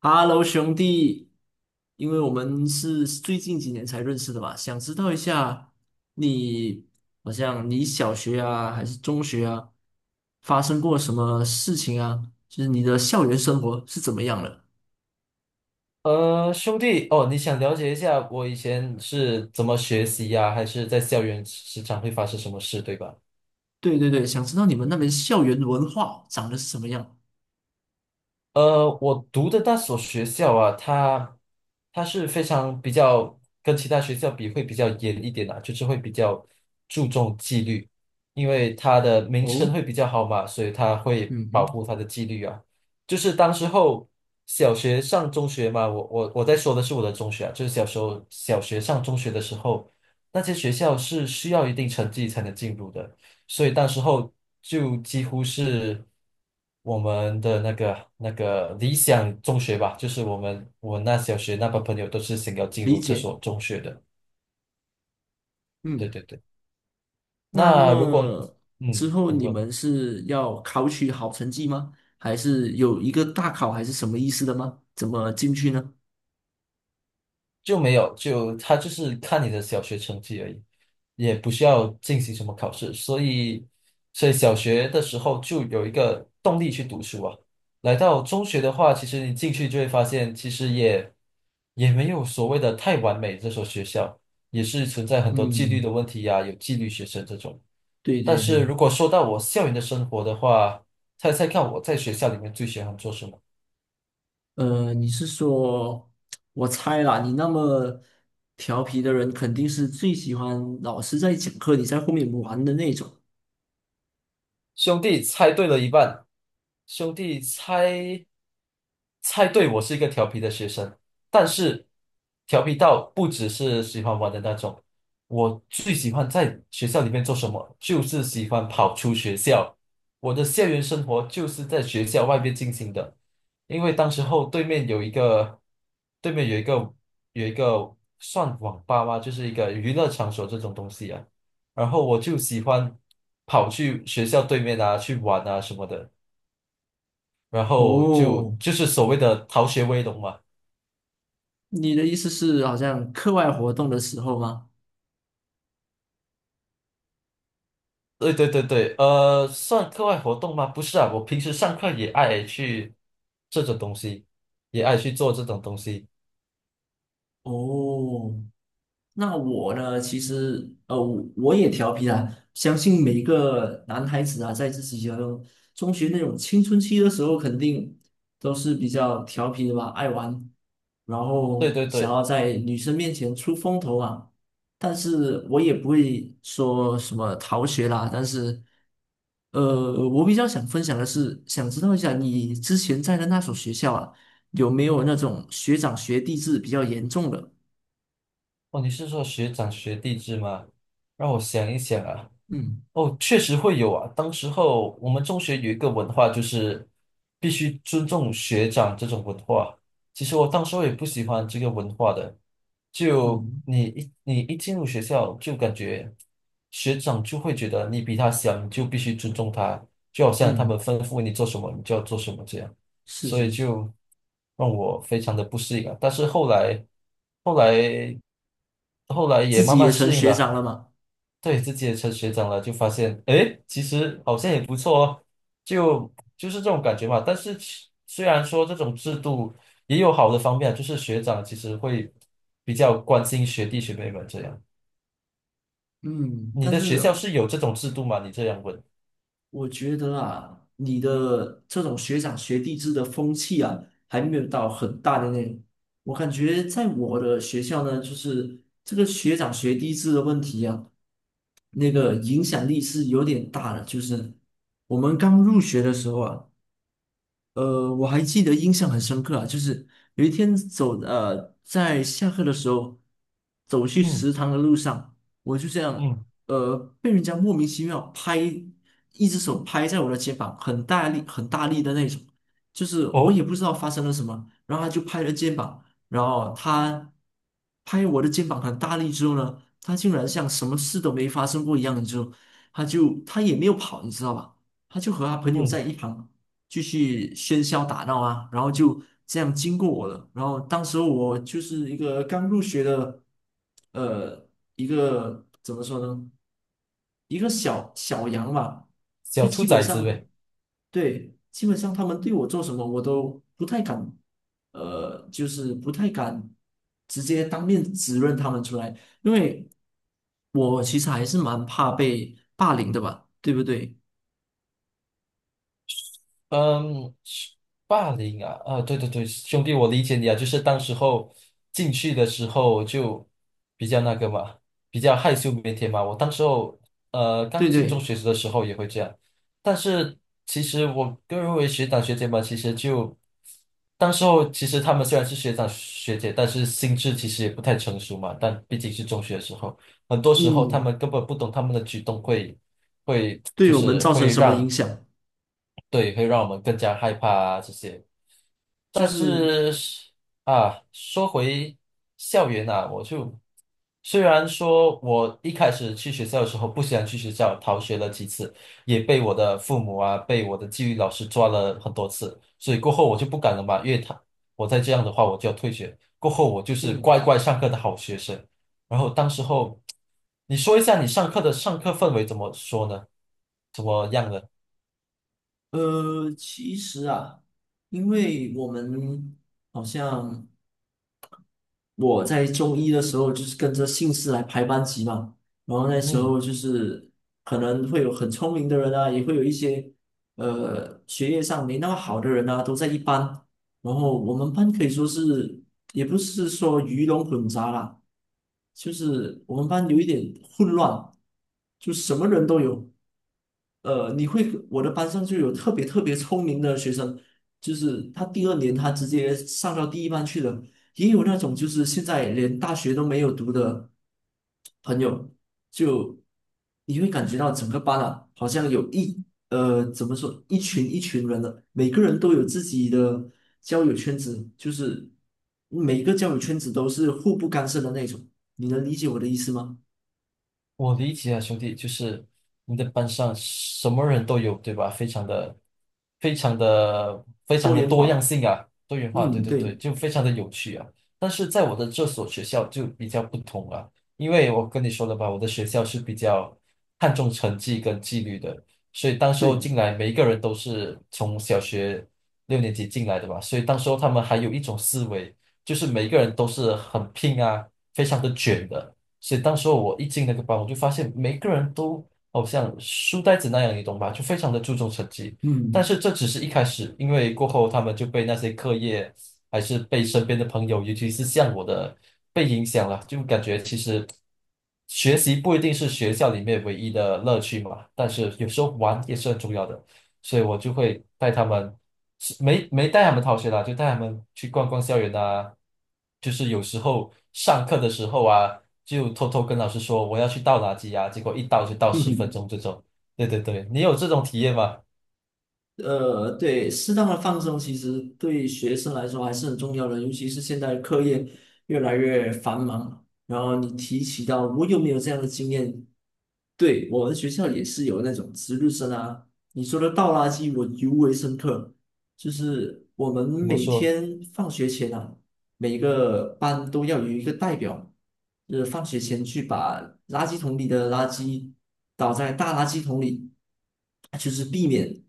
Hello，兄弟，因为我们是最近几年才认识的嘛，想知道一下你，好像你小学啊，还是中学啊，发生过什么事情啊？就是你的校园生活是怎么样的？兄弟，哦，你想了解一下我以前是怎么学习呀、还是在校园时常会发生什么事，对吧？对对对，想知道你们那边校园文化长得是什么样？我读的那所学校啊，它是非常比较跟其他学校比会比较严一点啊，就是会比较注重纪律，因为它的名声哦，会比较好嘛，所以它会嗯保哼，护它的纪律啊。就是当时候小学上中学嘛，我在说的是我的中学啊，就是小时候小学上中学的时候，那些学校是需要一定成绩才能进入的。所以当时候就几乎是我们的那个理想中学吧，就是我那小学那帮朋友都是想要进理入这解，所中学的。对嗯，对对，那那如果么之嗯，后你你问。们是要考取好成绩吗？还是有一个大考，还是什么意思的吗？怎么进去呢？就没有，就他就是看你的小学成绩而已，也不需要进行什么考试，所以小学的时候就有一个动力去读书啊。来到中学的话，其实你进去就会发现，其实也没有所谓的太完美，这所学校也是存在很多纪律嗯，的问题呀、有纪律学生这种。对但对是对，如果说到我校园的生活的话，猜猜看我在学校里面最喜欢做什么？你是说，我猜啦，你那么调皮的人，肯定是最喜欢老师在讲课，你在后面玩的那种。兄弟，猜对了一半。兄弟猜猜对，我是一个调皮的学生，但是调皮到不只是喜欢玩的那种，我最喜欢在学校里面做什么，就是喜欢跑出学校。我的校园生活就是在学校外面进行的，因为当时候对面有一个，对面有一个有一个算网吧吗？就是一个娱乐场所这种东西啊。然后我就喜欢跑去学校对面啊，去玩啊什么的。然后就哦，就是所谓的逃学威龙嘛。你的意思是好像课外活动的时候吗？对对对对，算课外活动吗？不是啊，我平时上课也爱去这种东西，也爱去做这种东西。哦，那我呢，其实我也调皮啦。相信每一个男孩子啊，在自己的中学那种青春期的时候，肯定都是比较调皮的吧，爱玩，然对后对想对，要在女生面前出风头啊。但是我也不会说什么逃学啦，但是我比较想分享的是，想知道一下你之前在的那所学校啊，有没有那种学长学弟制比较严重的？哦，你是说学长学弟制吗？让我想一想啊。嗯哦，确实会有啊。当时候我们中学有一个文化，就是必须尊重学长这种文化。其实我当时候也不喜欢这个文化的，就嗯你一进入学校，就感觉学长就会觉得你比他小，你就必须尊重他，就好像他们嗯，吩咐你做什么，你就要做什么这样。是所是以是，就让我非常的不适应啊。但是后来，后来，后来也自慢己也慢成适应学长了。了嘛。对自己也成学长了，就发现，诶，其实好像也不错哦，就是这种感觉嘛。但是虽然说这种制度也有好的方面啊就是学长其实会比较关心学弟学妹们这样。嗯，你但的学是校是有这种制度吗？你这样问，我觉得啊，你的这种学长学弟制的风气啊，还没有到很大的那种。我感觉在我的学校呢，就是这个学长学弟制的问题啊，那个影响力是有点大的。就是我们刚入学的时候啊，我还记得印象很深刻啊，就是有一天在下课的时候走去嗯食堂的路上，我就这样嗯，被人家莫名其妙拍，一只手拍在我的肩膀，很大力很大力的那种，就是我哦，也不知道发生了什么，然后他就拍了肩膀，然后他拍我的肩膀很大力之后呢，他竟然像什么事都没发生过一样，之后他也没有跑，你知道吧？他就和他朋友嗯，在一旁。继续喧嚣打闹啊，然后就这样经过我了。然后当时候我就是一个刚入学的，呃，一个怎么说呢，一个小小羊吧，就小兔基本崽子上，呗。对，基本上他们对我做什么，我都不太敢，就是不太敢直接当面指认他们出来，因为我其实还是蛮怕被霸凌的吧，对不对？嗯，霸凌啊，啊，对对对，兄弟，我理解你啊，就是当时候进去的时候就比较那个嘛，比较害羞腼腆嘛。我当时候刚对进中对，学的时候也会这样，但是其实我个人认为学长学姐嘛，其实就当时候其实他们虽然是学长学姐，但是心智其实也不太成熟嘛。但毕竟是中学的时候，很多时候他嗯。们根本不懂他们的举动会就对我们是造成会什么影让。响？对，会让我们更加害怕啊这些。就但是是啊，说回校园啊，我就虽然说我一开始去学校的时候不喜欢去学校，逃学了几次，也被我的父母啊，被我的纪律老师抓了很多次，所以过后我就不敢了嘛，因为他我再这样的话我就要退学。过后我就是嗯，乖乖上课的好学生。然后当时候，你说一下你上课的氛围怎么说呢？怎么样呢？其实啊，因为我们好像我在中医的时候就是跟着姓氏来排班级嘛，然后那时嗯候就是可能会有很聪明的人啊，也会有一些学业上没那么好的人啊，都在一班。然后我们班可以说是也不是说鱼龙混杂啦，就是我们班有一点混乱，就什么人都有。呃，你会，我的班上就有特别特别聪明的学生，就是他第二年他直接上到第一班去了，也有那种就是现在连大学都没有读的朋友，就你会感觉到整个班啊，好像怎么说一群一群人的，每个人都有自己的交友圈子，就是每个交友圈子都是互不干涉的那种，你能理解我的意思吗？我理解啊，兄弟，就是你的班上什么人都有，对吧？非常多的元多样化，性啊，多元化，对嗯，对对，对就非常的有趣啊。但是在我的这所学校就比较不同啊，因为我跟你说了吧，我的学校是比较看重成绩跟纪律的，所以当时候对，进来，每一个人都是从小学六年级进来的吧，所以当时候他们还有一种思维，就是每一个人都是很拼啊，非常的卷的。所以当时候我一进那个班，我就发现每个人都好像书呆子那样，你懂吧？就非常的注重成绩。但嗯。是这只是一开始，因为过后他们就被那些课业，还是被身边的朋友，尤其是像我的，被影响了，就感觉其实学习不一定是学校里面唯一的乐趣嘛，但是有时候玩也是很重要的。所以我就会带他们，是没带他们逃学啦，就带他们去逛逛校园啊。就是有时候上课的时候啊，就偷偷跟老师说我要去倒垃圾啊，结果一倒就倒十分嗯钟这种。对对对，你有这种体验吗？呃，对，适当的放松其实对学生来说还是很重要的，尤其是现在课业越来越繁忙。然后你提起到我有没有这样的经验？对，我们学校也是有那种值日生啊，你说的倒垃圾我尤为深刻，就是我们怎么每说？天放学前啊，每个班都要有一个代表，就是放学前去把垃圾桶里的垃圾倒在大垃圾桶里，就是避免。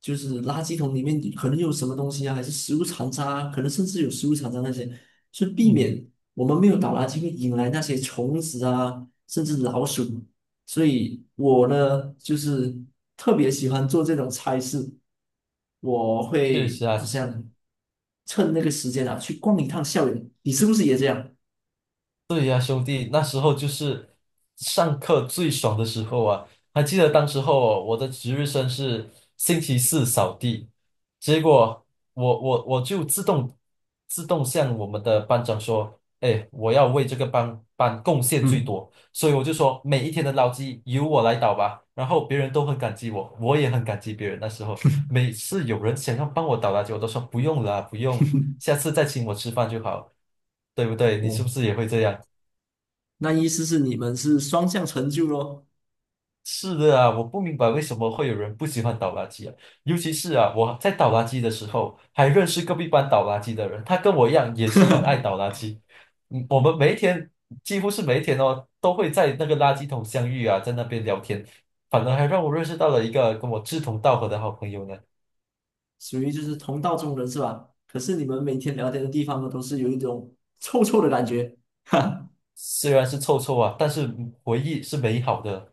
就是垃圾桶里面可能有什么东西啊，还是食物残渣啊，可能甚至有食物残渣那些，是避嗯，免我们没有倒垃圾会引来那些虫子啊，甚至老鼠。所以我呢，就是特别喜欢做这种差事，我确会实啊，好像趁那个时间啊，去逛一趟校园。你是不是也这样？对呀，兄弟，那时候就是上课最爽的时候啊！还记得当时候哦我的值日生是星期四扫地，结果我就自动向我们的班长说："哎，我要为这个班贡献最嗯，多。"所以我就说每一天的垃圾由我来倒吧。然后别人都很感激我，我也很感激别人。那时候每次有人想要帮我倒垃圾，我都说不用了，不用，下次再请我吃饭就好，对不对？你是哦，不是也会这样？那意思是你们是双向成就咯。是的啊，我不明白为什么会有人不喜欢倒垃圾啊，尤其是啊，我在倒垃圾的时候，还认识隔壁班倒垃圾的人，他跟我一样也是很爱倒垃圾。嗯，我们每一天几乎是每一天哦，都会在那个垃圾桶相遇啊，在那边聊天，反而还让我认识到了一个跟我志同道合的好朋友呢。属于就是同道中人是吧？可是你们每天聊天的地方呢，都是有一种臭臭的感觉，哈虽然是臭臭啊，但是回忆是美好的。